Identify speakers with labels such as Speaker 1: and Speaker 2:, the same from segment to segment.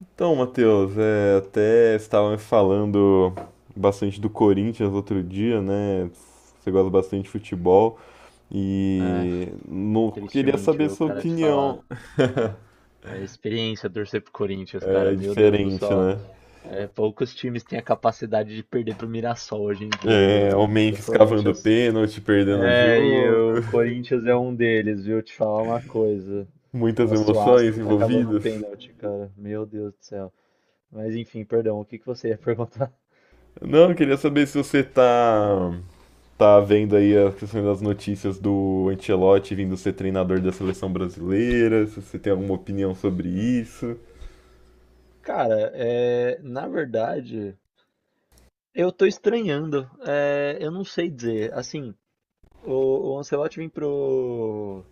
Speaker 1: Então, Matheus, até estava me falando bastante do Corinthians outro dia, né? Você gosta bastante de futebol
Speaker 2: É,
Speaker 1: e não queria
Speaker 2: tristemente,
Speaker 1: saber
Speaker 2: viu,
Speaker 1: sua
Speaker 2: cara, te falar.
Speaker 1: opinião.
Speaker 2: É experiência torcer pro Corinthians, cara.
Speaker 1: É
Speaker 2: Meu Deus do
Speaker 1: diferente,
Speaker 2: céu.
Speaker 1: né?
Speaker 2: É, poucos times têm a capacidade de perder pro Mirassol hoje em dia, viu?
Speaker 1: É, o
Speaker 2: O
Speaker 1: Memphis cavando
Speaker 2: Corinthians.
Speaker 1: pênalti, perdendo o
Speaker 2: É, e
Speaker 1: jogo,
Speaker 2: o Corinthians é um deles, viu? Te falar uma coisa.
Speaker 1: muitas
Speaker 2: Nossa, o
Speaker 1: emoções
Speaker 2: Astro tá acabando o
Speaker 1: envolvidas.
Speaker 2: pênalti, cara. Meu Deus do céu. Mas enfim, perdão, o que que você ia perguntar?
Speaker 1: Não, eu queria saber se você tá vendo aí as questões das notícias do Ancelotti vindo ser treinador da seleção brasileira, se você tem alguma opinião sobre isso.
Speaker 2: Cara, é, na verdade, eu tô estranhando. É, eu não sei dizer. Assim, o Ancelotti vem pro,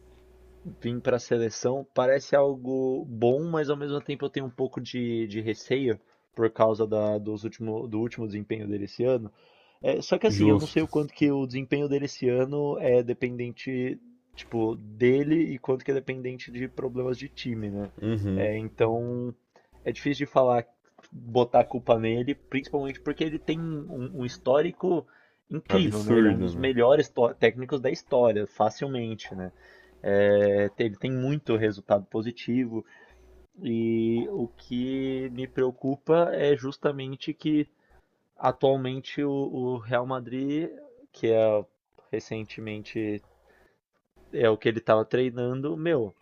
Speaker 2: vim para a seleção parece algo bom, mas ao mesmo tempo eu tenho um pouco de receio por causa dos último, do último desempenho dele esse ano. É, só que assim, eu não sei
Speaker 1: Justo.
Speaker 2: o quanto que o desempenho dele esse ano é dependente, tipo, dele e quanto que é dependente de problemas de time, né?
Speaker 1: Uhum.
Speaker 2: É, então é difícil de falar, botar a culpa nele, principalmente porque ele tem um, um histórico incrível, né? Ele é um
Speaker 1: Absurdo,
Speaker 2: dos
Speaker 1: né?
Speaker 2: melhores técnicos da história, facilmente, né? É, ele tem muito resultado positivo e o que me preocupa é justamente que atualmente o Real Madrid, que é recentemente é o que ele estava treinando, meu,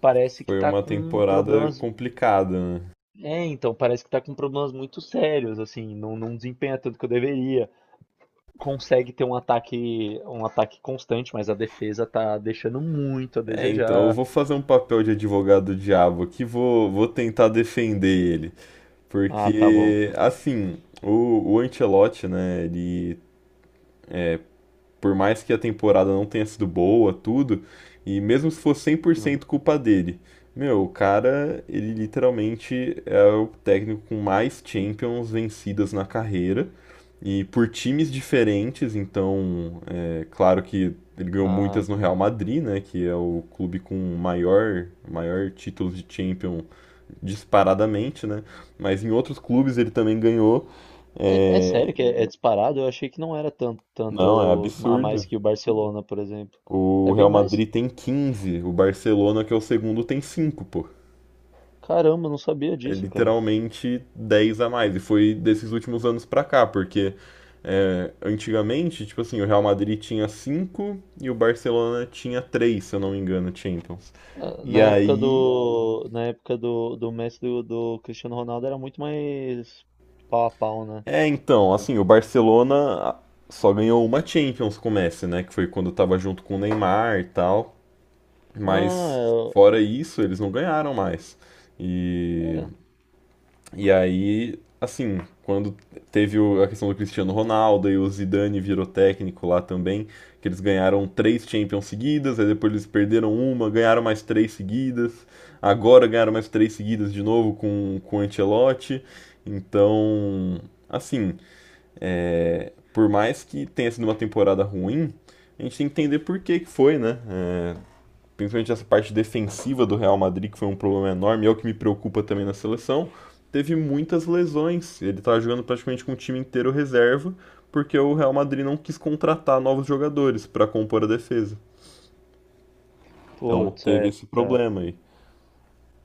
Speaker 2: parece que
Speaker 1: Foi
Speaker 2: tá
Speaker 1: uma
Speaker 2: com
Speaker 1: temporada
Speaker 2: problemas.
Speaker 1: complicada, né?
Speaker 2: É, então, parece que tá com problemas muito sérios, assim, não, não desempenha tanto que eu deveria. Consegue ter um ataque constante, mas a defesa tá deixando muito a
Speaker 1: É, então eu
Speaker 2: desejar.
Speaker 1: vou fazer um papel de advogado do diabo aqui, vou tentar defender ele.
Speaker 2: Ah, tá bom.
Speaker 1: Porque, assim, o Ancelotti, né, ele, é, Por mais que a temporada não tenha sido boa, tudo, e mesmo se fosse cem por
Speaker 2: Uhum.
Speaker 1: cento culpa dele, meu, o cara, ele literalmente é o técnico com mais Champions vencidas na carreira e por times diferentes, então, claro que ele ganhou
Speaker 2: Ah,
Speaker 1: muitas no Real Madrid, né, que é o clube com maior, maior título de Champions disparadamente, né, mas em outros clubes ele também ganhou.
Speaker 2: é, é
Speaker 1: É,
Speaker 2: sério que é, é disparado? Eu achei que não era tanto,
Speaker 1: não, é
Speaker 2: tanto a mais
Speaker 1: absurdo.
Speaker 2: que o Barcelona, por exemplo. É
Speaker 1: O
Speaker 2: bem
Speaker 1: Real
Speaker 2: mais?
Speaker 1: Madrid tem 15, o Barcelona, que é o segundo, tem 5, pô.
Speaker 2: Caramba, eu não sabia
Speaker 1: É
Speaker 2: disso, cara.
Speaker 1: literalmente 10 a mais. E foi desses últimos anos pra cá, porque antigamente, tipo assim, o Real Madrid tinha 5 e o Barcelona tinha 3, se eu não me engano, Champions.
Speaker 2: Ah,
Speaker 1: E
Speaker 2: na época
Speaker 1: aí.
Speaker 2: do, na época do, do Messi e do, do Cristiano Ronaldo era muito mais pau a pau, né?
Speaker 1: É, então,
Speaker 2: Com-
Speaker 1: assim, o Barcelona ah, só ganhou uma Champions com o Messi, né? Que foi quando tava junto com o Neymar e tal.
Speaker 2: Ah,
Speaker 1: Mas
Speaker 2: eu...
Speaker 1: fora isso, eles não ganharam mais. E
Speaker 2: Era.
Speaker 1: E aí, assim, quando teve a questão do Cristiano Ronaldo e o Zidane virou técnico lá também, que eles ganharam três Champions seguidas, aí depois eles perderam uma, ganharam mais três seguidas, agora ganharam mais três seguidas de novo com o Ancelotti. Então, assim, por mais que tenha sido uma temporada ruim, a gente tem que entender por que que foi, né? É, principalmente essa parte defensiva do Real Madrid, que foi um problema enorme, é o que me preocupa também na seleção, teve muitas lesões. Ele estava jogando praticamente com o time inteiro reserva, porque o Real Madrid não quis contratar novos jogadores para compor a defesa. Então
Speaker 2: Putz,
Speaker 1: teve
Speaker 2: é,
Speaker 1: esse
Speaker 2: tá.
Speaker 1: problema aí.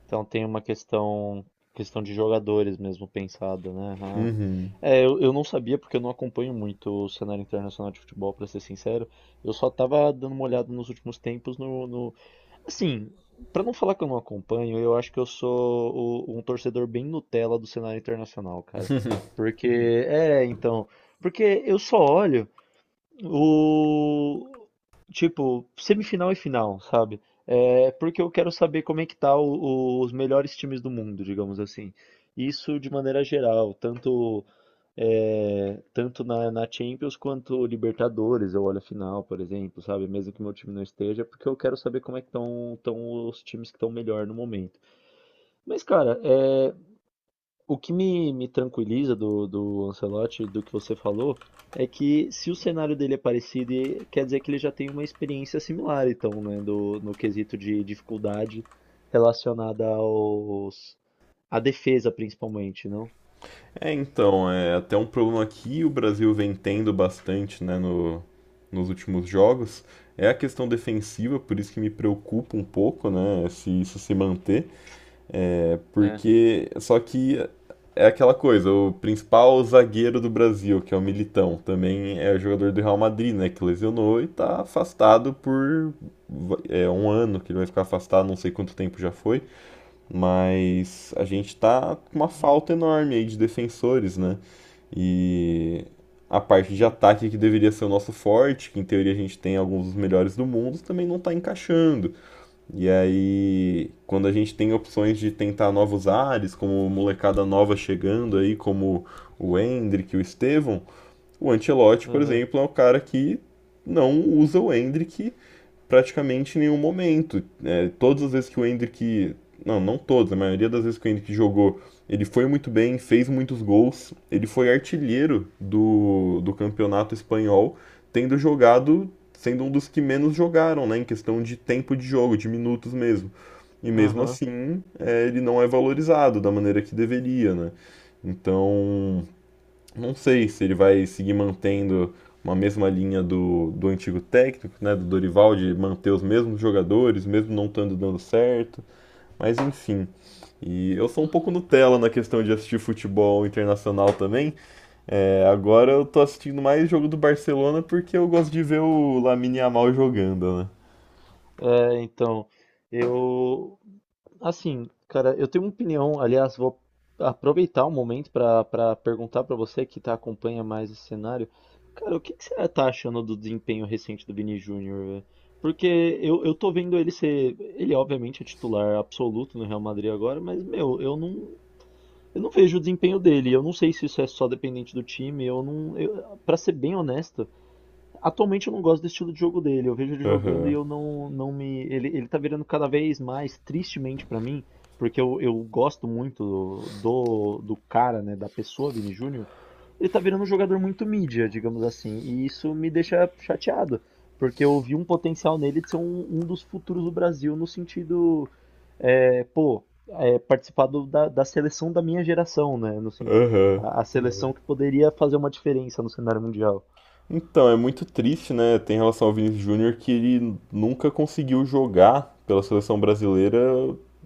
Speaker 2: Então tem uma questão questão de jogadores mesmo pensada, né? Ah.
Speaker 1: Uhum.
Speaker 2: É, eu não sabia porque eu não acompanho muito o cenário internacional de futebol, pra ser sincero. Eu só tava dando uma olhada nos últimos tempos no, no... Assim, pra não falar que eu não acompanho, eu acho que eu sou um torcedor bem Nutella do cenário internacional, cara. Porque, é, então, porque eu só olho o tipo, semifinal e final, sabe? É porque eu quero saber como é que tá os melhores times do mundo, digamos assim. Isso de maneira geral, tanto é, tanto na, na Champions quanto Libertadores, eu olho a final, por exemplo, sabe? Mesmo que meu time não esteja, porque eu quero saber como é que estão os times que estão melhor no momento. Mas, cara, é, o que me tranquiliza do, do Ancelotti, do que você falou, é que se o cenário dele é parecido, quer dizer que ele já tem uma experiência similar, então, né, do, no quesito de dificuldade relacionada aos, à defesa, principalmente, não?
Speaker 1: É, então, é até um problema que o Brasil vem tendo bastante, né, no, nos últimos jogos. É a questão defensiva, por isso que me preocupa um pouco, né, se isso se manter. É,
Speaker 2: Né?
Speaker 1: porque. Só que é aquela coisa, o principal zagueiro do Brasil, que é o Militão, também é jogador do Real Madrid, né? Que lesionou e tá afastado por um ano, que ele vai ficar afastado, não sei quanto tempo já foi. Mas a gente tá com uma falta enorme aí de defensores, né? E a parte de
Speaker 2: Né?
Speaker 1: ataque que deveria ser o nosso forte, que em teoria a gente tem alguns dos melhores do mundo, também não tá encaixando. E aí, quando a gente tem opções de tentar novos ares, como molecada nova chegando aí, como o Endrick, o Estevão, o Ancelotti, por
Speaker 2: Aham,
Speaker 1: exemplo, é o cara que não usa o Endrick praticamente em nenhum momento. É, todas as vezes que o Endrick... Não, não todas, a maioria das vezes que o Endrick jogou, ele foi muito bem, fez muitos gols. Ele foi artilheiro do campeonato espanhol, tendo jogado, sendo um dos que menos jogaram, né? Em questão de tempo de jogo, de minutos mesmo. E mesmo
Speaker 2: aham.
Speaker 1: assim, ele não é valorizado da maneira que deveria, né? Então, não sei se ele vai seguir mantendo uma mesma linha do antigo técnico, né, do Dorival, de manter os mesmos jogadores, mesmo não estando dando certo, mas enfim. E eu sou um pouco Nutella na questão de assistir futebol internacional também. É, agora eu tô assistindo mais jogo do Barcelona porque eu gosto de ver o Lamine Yamal jogando, né?
Speaker 2: É, então, eu. Assim, cara, eu tenho uma opinião, aliás, vou aproveitar o momento para perguntar para você que tá, acompanha mais esse cenário. Cara, o que que você tá achando do desempenho recente do Vini Júnior? Velho? Porque eu tô vendo ele ser. Ele, obviamente, é titular absoluto no Real Madrid agora, mas, meu, eu não vejo o desempenho dele. Eu não sei se isso é só dependente do time. Eu não. Eu, para ser bem honesto. Atualmente eu não gosto do estilo de jogo dele. Eu vejo ele jogando e
Speaker 1: Aham.
Speaker 2: eu não, não me. Ele tá virando cada vez mais, tristemente pra mim, porque eu gosto muito do, do cara, né, da pessoa, Vini Júnior. Ele tá virando um jogador muito mídia, digamos assim. E isso me deixa chateado, porque eu vi um potencial nele de ser um, um dos futuros do Brasil no sentido, é, pô, é, participar da, da seleção da minha geração, né? No, sen-
Speaker 1: Aham.
Speaker 2: a Uhum. Seleção que poderia fazer uma diferença no cenário mundial.
Speaker 1: Então, é muito triste, né? Tem relação ao Vinícius Júnior que ele nunca conseguiu jogar pela seleção brasileira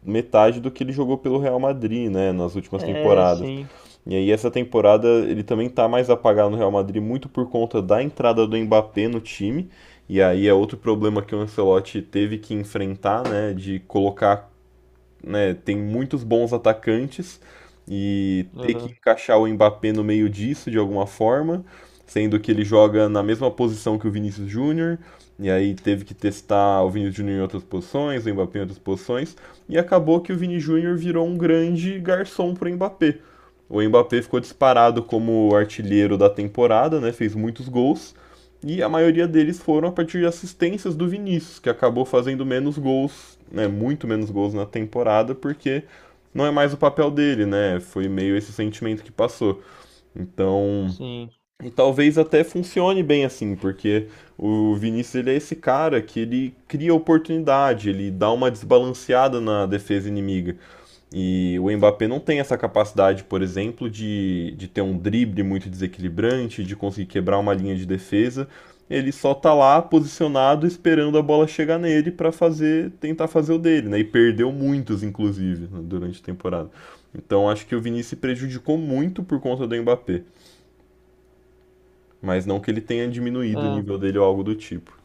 Speaker 1: metade do que ele jogou pelo Real Madrid, né? Nas últimas
Speaker 2: É,
Speaker 1: temporadas.
Speaker 2: sim.
Speaker 1: E aí, essa temporada ele também tá mais apagado no Real Madrid, muito por conta da entrada do Mbappé no time. E aí é outro problema que o Ancelotti teve que enfrentar, né? De colocar, né, tem muitos bons atacantes e ter que
Speaker 2: Aham,
Speaker 1: encaixar o Mbappé no meio disso de alguma forma, sendo que ele joga na mesma posição que o Vinícius Júnior, e aí teve que testar o Vinícius Júnior em outras posições, o Mbappé em outras posições, e acabou que o Vini Júnior virou um grande garçom para o Mbappé. O Mbappé ficou disparado como artilheiro da temporada, né, fez muitos gols, e a maioria deles foram a partir de assistências do Vinícius, que acabou fazendo menos gols, né, muito menos gols na temporada, porque não é mais o papel dele, né? Foi meio esse sentimento que passou. Então,
Speaker 2: sim.
Speaker 1: e talvez até funcione bem assim, porque o Vinícius ele é esse cara que ele cria oportunidade, ele dá uma desbalanceada na defesa inimiga. E o Mbappé não tem essa capacidade, por exemplo, de ter um drible muito desequilibrante, de conseguir quebrar uma linha de defesa. Ele só tá lá posicionado esperando a bola chegar nele para fazer, tentar fazer o dele, né? E perdeu muitos, inclusive, né, durante a temporada. Então acho que o Vinícius se prejudicou muito por conta do Mbappé, mas não que ele tenha diminuído o
Speaker 2: Ah,
Speaker 1: nível dele ou algo do tipo.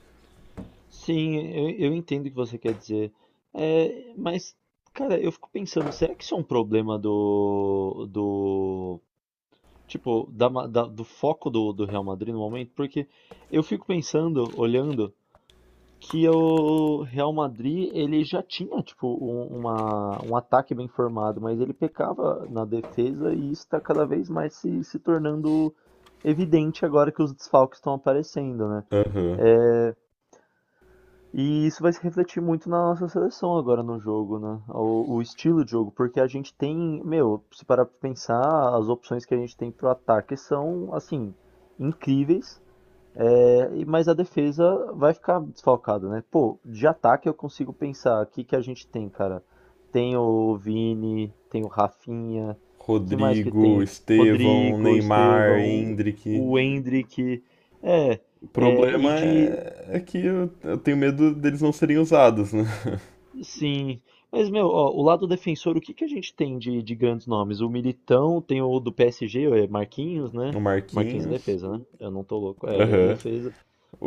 Speaker 2: sim, eu entendo o que você quer dizer. É, mas, cara, eu fico pensando, será que isso é um problema do, do, tipo, do foco do, do Real Madrid no momento? Porque eu fico pensando, olhando, que o Real Madrid, ele já tinha, tipo, um, uma, um ataque bem formado, mas ele pecava na defesa e isso está cada vez mais se, se tornando evidente agora que os desfalques estão aparecendo, né?
Speaker 1: Aham. Uhum.
Speaker 2: É, e isso vai se refletir muito na nossa seleção agora no jogo, né? O estilo de jogo, porque a gente tem, meu, se parar pra pensar, as opções que a gente tem pro ataque são, assim, incríveis, mas a defesa vai ficar desfalcada, né? Pô, de ataque eu consigo pensar aqui que a gente tem, cara. Tem o Vini, tem o Rafinha, que mais que
Speaker 1: Rodrigo,
Speaker 2: tem?
Speaker 1: Estevão,
Speaker 2: Rodrigo,
Speaker 1: Neymar,
Speaker 2: Estevão,
Speaker 1: Hendrick.
Speaker 2: o Endrick. É,
Speaker 1: O
Speaker 2: é, e
Speaker 1: problema
Speaker 2: de
Speaker 1: é, é que eu tenho medo deles não serem usados, né?
Speaker 2: sim, mas meu, ó, o lado defensor, o que que a gente tem de grandes nomes? O Militão, tem o do PSG, é Marquinhos, né?
Speaker 1: O
Speaker 2: Marquinhos é
Speaker 1: Marquinhos.
Speaker 2: defesa, né? Eu não tô louco, é, ele é de
Speaker 1: Aham.
Speaker 2: defesa.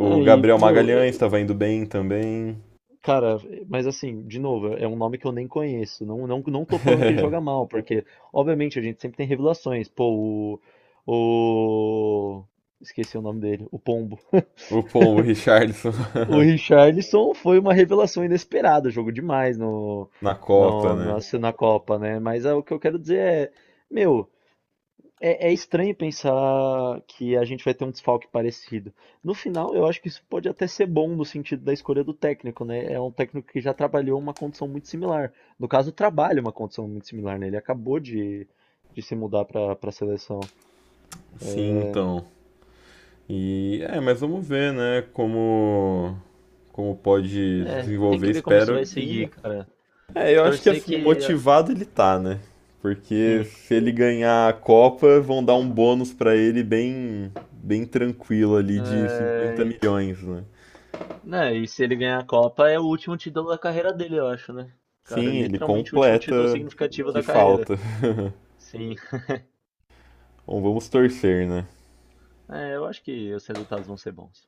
Speaker 2: É, e,
Speaker 1: Gabriel
Speaker 2: meu,
Speaker 1: Magalhães tava indo bem também.
Speaker 2: cara, mas assim, de novo, é um nome que eu nem conheço. Não, não, não tô falando que ele joga mal, porque, obviamente, a gente sempre tem revelações. Pô, o... Esqueci o nome dele, o Pombo.
Speaker 1: O Pombo. Richarlison.
Speaker 2: O Richarlison foi uma revelação inesperada, jogou demais no,
Speaker 1: Na Copa,
Speaker 2: no, na,
Speaker 1: né?
Speaker 2: na Copa, né? Mas é, o que eu quero dizer é, meu, é, é estranho pensar que a gente vai ter um desfalque parecido. No final, eu acho que isso pode até ser bom no sentido da escolha do técnico, né? É um técnico que já trabalhou uma condição muito similar. No caso, trabalha uma condição muito similar, né? Ele acabou de se mudar para a seleção.
Speaker 1: Sim, então. E é, mas vamos ver, né? Como pode
Speaker 2: É, tem
Speaker 1: desenvolver.
Speaker 2: que ver como isso
Speaker 1: Espero
Speaker 2: vai
Speaker 1: que...
Speaker 2: seguir, cara.
Speaker 1: Eu acho que
Speaker 2: Torcer
Speaker 1: assim,
Speaker 2: que,
Speaker 1: motivado ele tá, né? Porque
Speaker 2: sim.
Speaker 1: se ele ganhar a Copa, vão dar um bônus pra ele bem, bem tranquilo ali de 50
Speaker 2: É,
Speaker 1: milhões, né?
Speaker 2: né, e se ele ganhar a Copa, é o último título da carreira dele, eu acho, né? Cara,
Speaker 1: Sim, ele
Speaker 2: literalmente o último
Speaker 1: completa
Speaker 2: título
Speaker 1: o
Speaker 2: significativo
Speaker 1: que
Speaker 2: da carreira.
Speaker 1: falta.
Speaker 2: Sim.
Speaker 1: Bom, vamos torcer, né?
Speaker 2: É, eu acho que os resultados vão ser bons.